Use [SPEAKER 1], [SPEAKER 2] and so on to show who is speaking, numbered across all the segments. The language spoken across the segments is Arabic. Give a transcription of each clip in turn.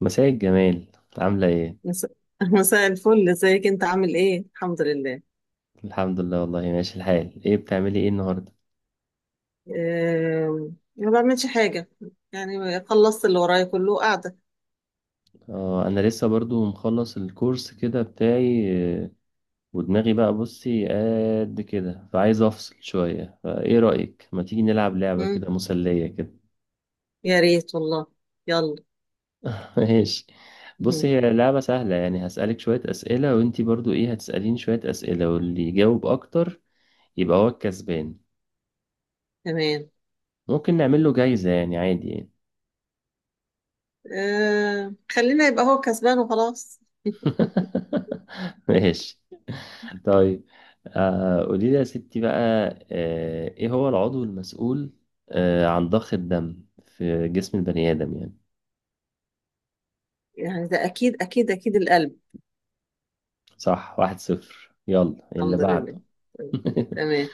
[SPEAKER 1] مساء الجمال، عاملة ايه؟
[SPEAKER 2] مس- مساء الفل، ازيك؟ انت عامل ايه؟ الحمد لله.
[SPEAKER 1] الحمد لله والله ماشي الحال، ايه بتعملي ايه النهاردة؟
[SPEAKER 2] ما بعملش حاجة. يعني خلصت اللي ورايا، كله قاعدة.
[SPEAKER 1] اه انا لسه برضو مخلص الكورس كده بتاعي. آه، ودماغي بقى، بصي قد كده فعايز افصل شوية، فايه رأيك؟ ما تيجي نلعب لعبة
[SPEAKER 2] مم،
[SPEAKER 1] كده مسلية كده.
[SPEAKER 2] يا ريت والله. يلا.
[SPEAKER 1] ماشي. بصي،
[SPEAKER 2] مهم.
[SPEAKER 1] هي لعبة سهلة، يعني هسألك شوية أسئلة وانتي برضو ايه هتسأليني شوية أسئلة، واللي يجاوب اكتر يبقى هو الكسبان.
[SPEAKER 2] تمام
[SPEAKER 1] ممكن نعمل له جايزة يعني، عادي يعني.
[SPEAKER 2] أم، خلينا يبقى هو كسبان وخلاص
[SPEAKER 1] ماشي. طيب آه قولي لي يا ستي بقى، آه ايه هو العضو المسؤول آه عن ضخ الدم في جسم البني آدم يعني.
[SPEAKER 2] يعني ده اكيد اكيد اكيد القلب
[SPEAKER 1] صح، واحد صفر، يلا اللي
[SPEAKER 2] الحمد لله
[SPEAKER 1] بعده.
[SPEAKER 2] طيب، تمام.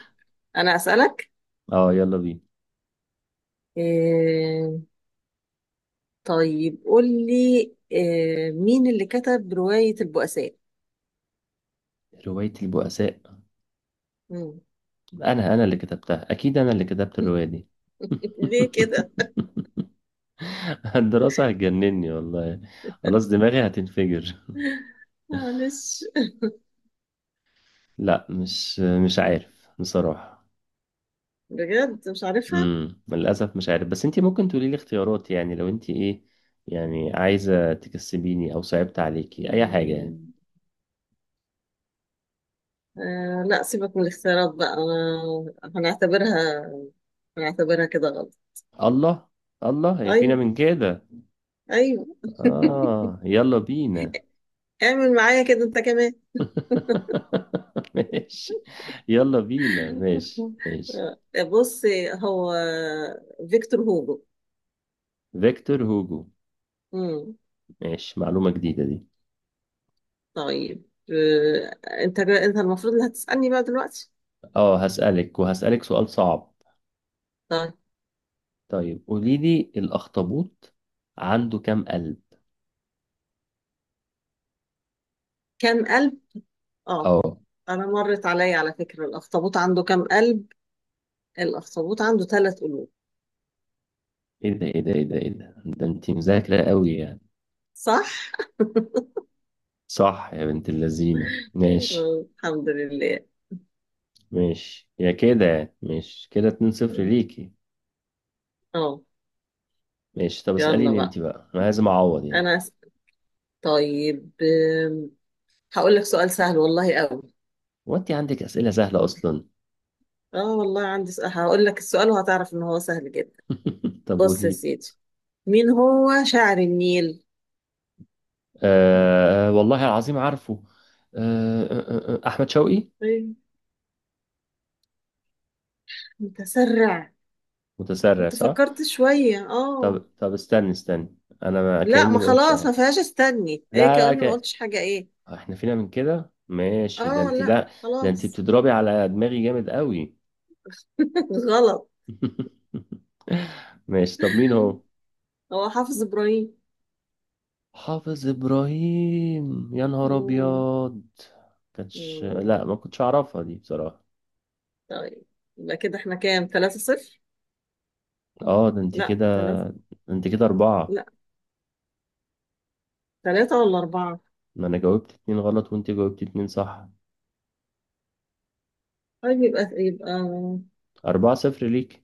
[SPEAKER 2] انا اسألك.
[SPEAKER 1] اه يلا بينا.
[SPEAKER 2] أم، طيب قول لي. مين اللي كتب رواية البؤساء؟
[SPEAKER 1] رواية البؤساء،
[SPEAKER 2] مم.
[SPEAKER 1] انا اللي كتبتها، اكيد انا اللي كتبت الرواية دي.
[SPEAKER 2] ليه كده؟
[SPEAKER 1] الدراسة هتجنني والله، خلاص دماغي هتنفجر.
[SPEAKER 2] معلش.
[SPEAKER 1] لا مش
[SPEAKER 2] مم.
[SPEAKER 1] عارف بصراحة.
[SPEAKER 2] بجد مش عارفها.
[SPEAKER 1] للاسف مش عارف، بس انت ممكن تقولي لي اختيارات، يعني لو انت ايه يعني عايزه تكسبيني او صعبت عليكي اي حاجه يعني.
[SPEAKER 2] مم. آه لا، سيبك من الاختيارات بقى، أنا هنعتبرها، كده غلط.
[SPEAKER 1] الله، الله هي فينا
[SPEAKER 2] أيوة،
[SPEAKER 1] من كده.
[SPEAKER 2] أيوة.
[SPEAKER 1] اه يلا بينا.
[SPEAKER 2] اعمل معايا كده أنت كمان.
[SPEAKER 1] ماشي، يلا بينا، ماشي ماشي.
[SPEAKER 2] بص، هو فيكتور هوجو.
[SPEAKER 1] فيكتور هوجو.
[SPEAKER 2] مم.
[SPEAKER 1] ماشي، معلومه جديده دي.
[SPEAKER 2] طيب. أنت المفروض اللي هتسألني بقى دلوقتي.
[SPEAKER 1] اه هسالك، وهسالك سؤال صعب.
[SPEAKER 2] طيب،
[SPEAKER 1] طيب قولي لي، الاخطبوط عنده كام قلب؟
[SPEAKER 2] كام قلب؟ أه.
[SPEAKER 1] اه،
[SPEAKER 2] أنا مرت عليا على فكرة، الأخطبوط عنده كام قلب؟ الأخطبوط عنده ثلاث قلوب.
[SPEAKER 1] ايه ده ايه ده ايه ده ايه ده، ده انت مذاكره قوي.
[SPEAKER 2] صح؟
[SPEAKER 1] صح يا بنت اللذينة، ماشي.
[SPEAKER 2] آه، الحمد لله.
[SPEAKER 1] ماشي يا كده، يعني ماشي كده 2-0 ليكي.
[SPEAKER 2] اه،
[SPEAKER 1] ماشي، طب
[SPEAKER 2] يلا
[SPEAKER 1] اسأليني انت
[SPEAKER 2] بقى.
[SPEAKER 1] بقى، انا لازم اعوض يعني.
[SPEAKER 2] انا أس... طيب، هقول لك سؤال سهل والله قوي.
[SPEAKER 1] هو انت عندك اسئلة سهلة اصلا؟
[SPEAKER 2] اه والله عندي سؤال، هقول لك السؤال وهتعرف ان هو سهل جدا.
[SPEAKER 1] طب
[SPEAKER 2] بص يا
[SPEAKER 1] قولي.
[SPEAKER 2] سيدي. مين هو شاعر النيل؟
[SPEAKER 1] آه والله العظيم عارفه. احمد شوقي.
[SPEAKER 2] إيه، متسرع.
[SPEAKER 1] متسرع؟
[SPEAKER 2] كنت
[SPEAKER 1] صح.
[SPEAKER 2] فكرت شوية،
[SPEAKER 1] طب
[SPEAKER 2] اه.
[SPEAKER 1] طب، استني، انا ما
[SPEAKER 2] لا،
[SPEAKER 1] كأني
[SPEAKER 2] ما
[SPEAKER 1] ما قلتش
[SPEAKER 2] خلاص،
[SPEAKER 1] اهي.
[SPEAKER 2] ما فيهاش استني ايه
[SPEAKER 1] لا لا
[SPEAKER 2] كأني ما
[SPEAKER 1] ك...
[SPEAKER 2] قلتش حاجة ايه.
[SPEAKER 1] احنا فينا من كده، ماشي، ده
[SPEAKER 2] اه
[SPEAKER 1] انت
[SPEAKER 2] لا
[SPEAKER 1] ده ده، انت
[SPEAKER 2] خلاص.
[SPEAKER 1] بتضربي على دماغي جامد قوي.
[SPEAKER 2] غلط.
[SPEAKER 1] ماشي، طب مين هو؟
[SPEAKER 2] هو حافظ ابراهيم.
[SPEAKER 1] حافظ ابراهيم، يا نهار
[SPEAKER 2] مم.
[SPEAKER 1] ابيض. كانتش، لا
[SPEAKER 2] مم.
[SPEAKER 1] ما كنتش اعرفها دي بصراحه.
[SPEAKER 2] طيب، يبقى كده احنا كام؟ ثلاثة صفر.
[SPEAKER 1] اه ده انت
[SPEAKER 2] لا،
[SPEAKER 1] كده،
[SPEAKER 2] ثلاثة.
[SPEAKER 1] ده انت اربعه.
[SPEAKER 2] لا، ثلاثة ولا أربعة.
[SPEAKER 1] ما انا جاوبت اتنين غلط وانت جاوبت اتنين صح.
[SPEAKER 2] طيب، يبقى
[SPEAKER 1] اربعه صفر ليك.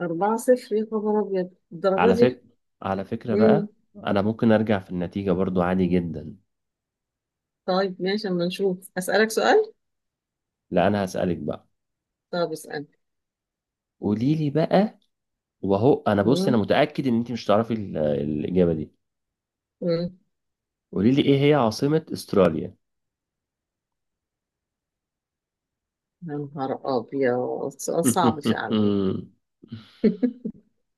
[SPEAKER 2] أربعة صفر، يا خبر أبيض الدرجة
[SPEAKER 1] على فكره،
[SPEAKER 2] دي.
[SPEAKER 1] على فكره
[SPEAKER 2] مم.
[SPEAKER 1] بقى، انا ممكن ارجع في النتيجه برضو عادي جدا.
[SPEAKER 2] طيب ماشي، أما نشوف، أسألك سؤال.
[SPEAKER 1] لا انا هسالك بقى.
[SPEAKER 2] طب اسأل.
[SPEAKER 1] قولي لي بقى، وهو انا، بص، انا
[SPEAKER 2] مم.
[SPEAKER 1] متاكد ان انت مش تعرفي الاجابه دي.
[SPEAKER 2] مم.
[SPEAKER 1] قولي لي ايه هي عاصمه استراليا؟
[SPEAKER 2] يا نهار أبيض، سؤال صعب فعلا.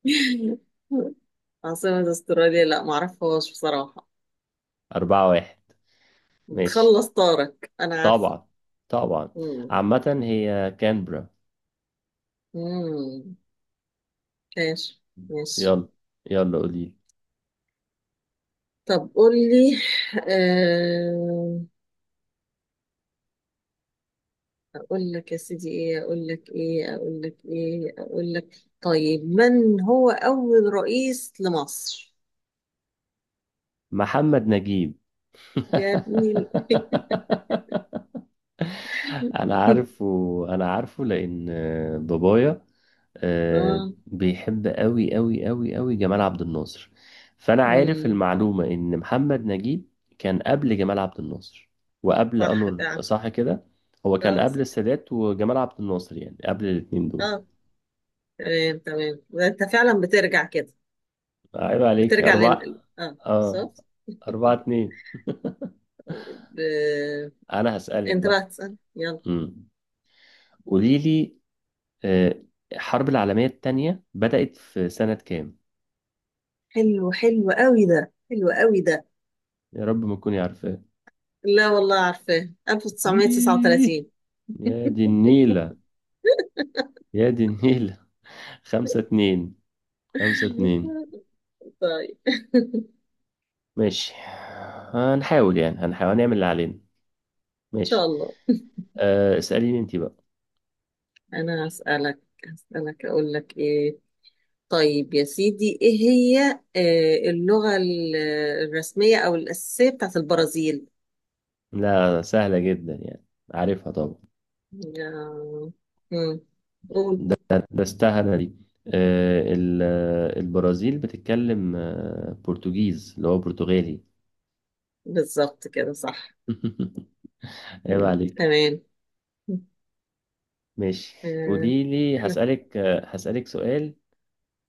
[SPEAKER 2] عاصمة استراليا، لا معرفهاش بصراحة.
[SPEAKER 1] اربعه واحد. ماشي،
[SPEAKER 2] بتخلص طارق أنا عارفة.
[SPEAKER 1] طبعا طبعا.
[SPEAKER 2] مم.
[SPEAKER 1] عامة هي كانبرا.
[SPEAKER 2] مم. ماشي، ماشي.
[SPEAKER 1] يلا، يلا قولي.
[SPEAKER 2] طب قول لي. آه، اقول لك يا سيدي ايه، اقول لك ايه، اقول لك ايه، اقول لك طيب، من هو اول رئيس لمصر؟
[SPEAKER 1] محمد نجيب.
[SPEAKER 2] يا ابني. ال-
[SPEAKER 1] انا عارفه، انا عارفه لان بابايا
[SPEAKER 2] اه،
[SPEAKER 1] بيحب قوي قوي قوي قوي جمال عبد الناصر، فانا عارف
[SPEAKER 2] امم،
[SPEAKER 1] المعلومة ان محمد نجيب كان قبل جمال عبد الناصر وقبل
[SPEAKER 2] صح
[SPEAKER 1] انور،
[SPEAKER 2] فعلا.
[SPEAKER 1] صح كده؟ هو كان
[SPEAKER 2] اه
[SPEAKER 1] قبل
[SPEAKER 2] صح.
[SPEAKER 1] السادات وجمال عبد الناصر، يعني قبل الاتنين دول.
[SPEAKER 2] اه. تمام تمام، ده انت فعلا بترجع كده.
[SPEAKER 1] عيب عليك،
[SPEAKER 2] بترجع
[SPEAKER 1] أربعة.
[SPEAKER 2] لن، اه
[SPEAKER 1] اه،
[SPEAKER 2] صح.
[SPEAKER 1] أربعة اتنين.
[SPEAKER 2] طيب،
[SPEAKER 1] أنا هسألك
[SPEAKER 2] انت بقى
[SPEAKER 1] بقى.
[SPEAKER 2] تسأل يلا.
[SPEAKER 1] امم قولي لي، آه، الحرب العالمية التانية بدأت في سنة كام؟
[SPEAKER 2] حلو، حلو قوي ده، حلو قوي ده.
[SPEAKER 1] يا رب ما تكوني عارفة.
[SPEAKER 2] لا والله عارفاه
[SPEAKER 1] إيه،
[SPEAKER 2] 1939.
[SPEAKER 1] يا دي النيلة، يا دي النيلة. خمسة اتنين، خمسة اتنين.
[SPEAKER 2] طيب،
[SPEAKER 1] ماشي، هنحاول يعني، هنحاول نعمل اللي علينا.
[SPEAKER 2] ان شاء
[SPEAKER 1] ماشي.
[SPEAKER 2] الله.
[SPEAKER 1] اسأليني انت بقى.
[SPEAKER 2] انا هسألك، اقول لك ايه. طيب يا سيدي، ايه هي اللغة الرسمية او الاساسية بتاعت البرازيل؟
[SPEAKER 1] لا سهلة جدا يعني، عارفها طبعا،
[SPEAKER 2] آه، مم. قول.
[SPEAKER 1] درستها دي. البرازيل بتتكلم برتغيز، اللي هو برتغالي.
[SPEAKER 2] بالظبط كده صح.
[SPEAKER 1] عيب
[SPEAKER 2] مم.
[SPEAKER 1] عليك.
[SPEAKER 2] تمام.
[SPEAKER 1] ماشي.
[SPEAKER 2] آه،
[SPEAKER 1] قولي لي،
[SPEAKER 2] احنا.
[SPEAKER 1] هسألك هسألك سؤال.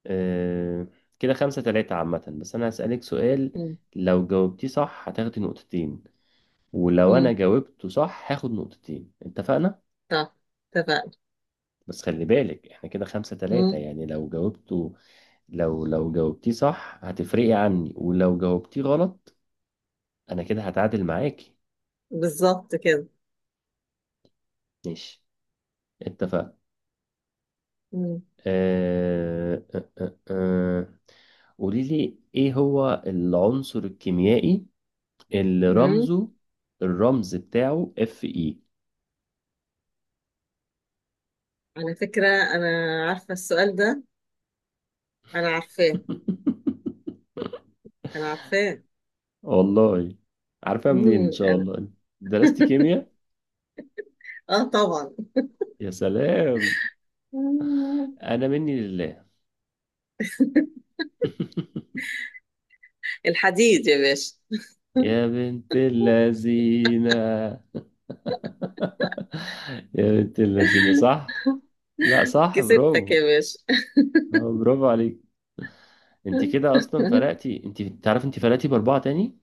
[SPEAKER 1] آه، كده خمسة تلاتة عامة، بس أنا هسألك سؤال،
[SPEAKER 2] مم.
[SPEAKER 1] لو جاوبتيه صح هتاخدي نقطتين، ولو أنا
[SPEAKER 2] مم.
[SPEAKER 1] جاوبته صح هاخد نقطتين، اتفقنا؟
[SPEAKER 2] طب، اتفقنا.
[SPEAKER 1] بس خلي بالك احنا كده خمسة تلاتة،
[SPEAKER 2] مم.
[SPEAKER 1] يعني لو جاوبته، لو جاوبتيه صح هتفرقي عني، ولو جاوبتيه غلط أنا كده هتعادل معاكي.
[SPEAKER 2] بالظبط كده.
[SPEAKER 1] ماشي، اتفقنا.
[SPEAKER 2] مم.
[SPEAKER 1] آه، آه، آه، آه. قولي لي ايه هو العنصر الكيميائي اللي
[SPEAKER 2] مم.
[SPEAKER 1] رمزه، الرمز بتاعه، اف اي.
[SPEAKER 2] على فكرة، انا عارفة السؤال ده. انا عارفاه، انا عارفاه.
[SPEAKER 1] والله، عارفها منين ان
[SPEAKER 2] مم.
[SPEAKER 1] شاء الله؟ درست كيمياء؟
[SPEAKER 2] اه طبعا.
[SPEAKER 1] يا سلام، انا مني لله.
[SPEAKER 2] الحديد يا باشا.
[SPEAKER 1] يا بنت اللذينة، يا بنت اللذينة، صح، لا صح،
[SPEAKER 2] كسبتك
[SPEAKER 1] برافو.
[SPEAKER 2] يا باشا.
[SPEAKER 1] برافو عليك. انت كده اصلا فرقتي، انت تعرف انت فرقتي باربعة تاني.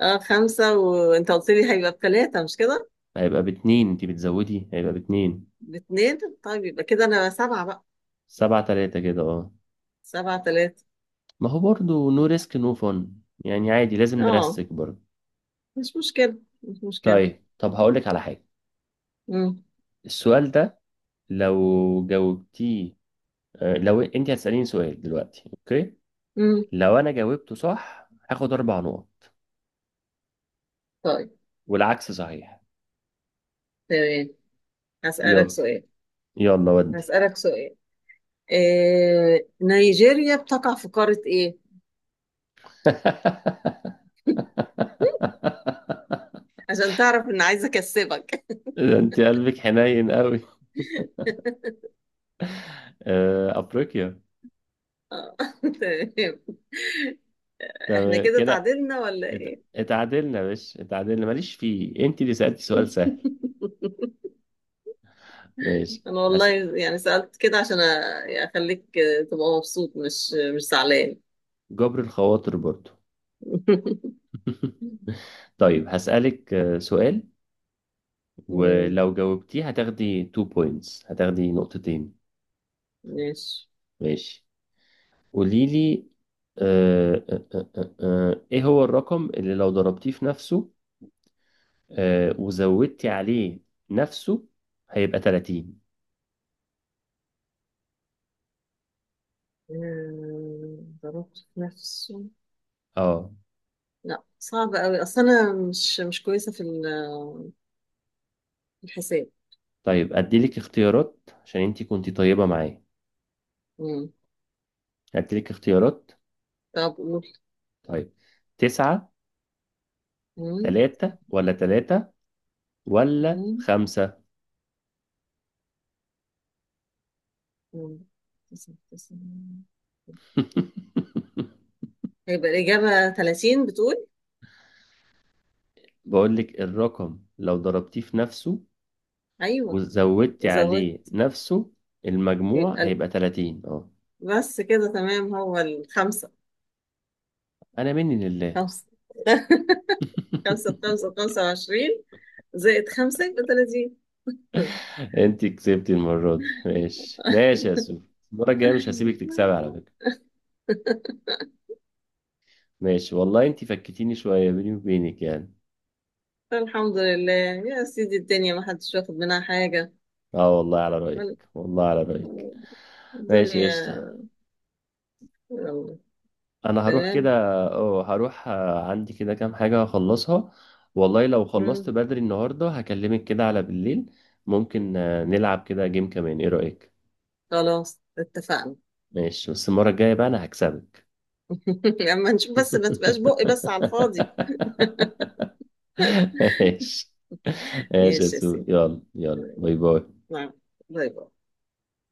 [SPEAKER 2] اه، خمسة، وانت قلت لي هيبقى بثلاثة مش كده؟
[SPEAKER 1] هيبقى باتنين، انتي بتزودي، هيبقى باتنين.
[SPEAKER 2] باتنين. طيب، يبقى كده انا سبعة بقى.
[SPEAKER 1] سبعة تلاتة كده، اه.
[SPEAKER 2] سبعة ثلاثة.
[SPEAKER 1] ما هو برضو نو ريسك نو فن، يعني عادي، لازم
[SPEAKER 2] اه،
[SPEAKER 1] نرسك برضو.
[SPEAKER 2] مش مشكلة، مش مشكلة.
[SPEAKER 1] طيب، طب هقولك على حاجة.
[SPEAKER 2] مم.
[SPEAKER 1] السؤال ده، لو جاوبتيه، لو انتي هتسأليني سؤال دلوقتي، اوكي،
[SPEAKER 2] مم.
[SPEAKER 1] لو انا جاوبته صح هاخد اربع نقط،
[SPEAKER 2] طيب
[SPEAKER 1] والعكس صحيح.
[SPEAKER 2] تمام، هسألك
[SPEAKER 1] يلا،
[SPEAKER 2] سؤال
[SPEAKER 1] يلا ودي.
[SPEAKER 2] هسألك سؤال. نيجيريا بتقع في قارة ايه؟ عشان تعرف ان عايزة اكسبك.
[SPEAKER 1] ده انت قلبك حنين قوي. افريقيا.
[SPEAKER 2] اه، تمام. احنا
[SPEAKER 1] تمام
[SPEAKER 2] كده
[SPEAKER 1] كده.
[SPEAKER 2] تعادلنا ولا ايه؟
[SPEAKER 1] اتعادلنا؟ مش اتعادلنا، ماليش فيه، انت اللي سألتي سؤال سهل. ماشي.
[SPEAKER 2] انا والله
[SPEAKER 1] هس...
[SPEAKER 2] يعني سألت كده عشان يعني اخليك تبقى مبسوط، مش زعلان.
[SPEAKER 1] جبر الخواطر برضو. طيب هسألك سؤال،
[SPEAKER 2] مم،
[SPEAKER 1] ولو جاوبتيه هتاخدي 2 بوينتس، هتاخدي نقطتين.
[SPEAKER 2] ماشي.
[SPEAKER 1] ماشي. قولي لي، ايه هو الرقم اللي لو ضربتيه في نفسه وزودتي عليه نفسه هيبقى 30،
[SPEAKER 2] ضربت في نفسه.
[SPEAKER 1] اه؟
[SPEAKER 2] لا، صعب قوي، اصل انا مش كويسة في في الحساب.
[SPEAKER 1] طيب اديلك اختيارات عشان انت كنتي طيبة معايا،
[SPEAKER 2] مم.
[SPEAKER 1] هديلك اختيارات.
[SPEAKER 2] طب قول.
[SPEAKER 1] طيب، تسعة،
[SPEAKER 2] مم،
[SPEAKER 1] تلاتة، ولا تلاتة ولا
[SPEAKER 2] مم،
[SPEAKER 1] خمسة.
[SPEAKER 2] مم. تسعة، تسعة. هيبقى الإجابة 30 بتقول.
[SPEAKER 1] بقول لك، الرقم لو ضربتيه في نفسه
[SPEAKER 2] أيوه.
[SPEAKER 1] وزودتي عليه
[SPEAKER 2] وزودت.
[SPEAKER 1] نفسه المجموع
[SPEAKER 2] يبقى
[SPEAKER 1] هيبقى 30، اه.
[SPEAKER 2] بس كده تمام، هو الخمسة.
[SPEAKER 1] انا مني لله.
[SPEAKER 2] خمسة. خمسة بخمسة بخمسة وعشرين، زائد خمسة يبقى تلاتين.
[SPEAKER 1] انت كسبتي المرة دي، ماشي ماشي يا سو، المرة الجاية مش هسيبك تكسبي على فكرة. ماشي، والله انت فكتيني شوية، بيني وبينك يعني.
[SPEAKER 2] الحمد لله يا سيدي، الدنيا ما حدش واخد منها حاجة.
[SPEAKER 1] اه والله على
[SPEAKER 2] ولا-
[SPEAKER 1] رأيك، والله على رأيك. ماشي، قشطة.
[SPEAKER 2] الدنيا. يلا.
[SPEAKER 1] انا هروح كده،
[SPEAKER 2] تمام.
[SPEAKER 1] اه هروح، عندي كده كام حاجة هخلصها، والله لو خلصت
[SPEAKER 2] مم.
[SPEAKER 1] بدري النهاردة هكلمك كده على بالليل، ممكن نلعب كده جيم كمان، ايه رأيك؟
[SPEAKER 2] خلاص، اتفقنا.
[SPEAKER 1] ماشي، بس المرة الجاية بقى انا هكسبك.
[SPEAKER 2] لما نشوف بس، ما تبقاش بقي بس على الفاضي.
[SPEAKER 1] ماشي، ماشي يا
[SPEAKER 2] ماشي يا
[SPEAKER 1] سو،
[SPEAKER 2] سيدي.
[SPEAKER 1] يلا يلا،
[SPEAKER 2] تمام.
[SPEAKER 1] باي باي.
[SPEAKER 2] نعم. باي باي.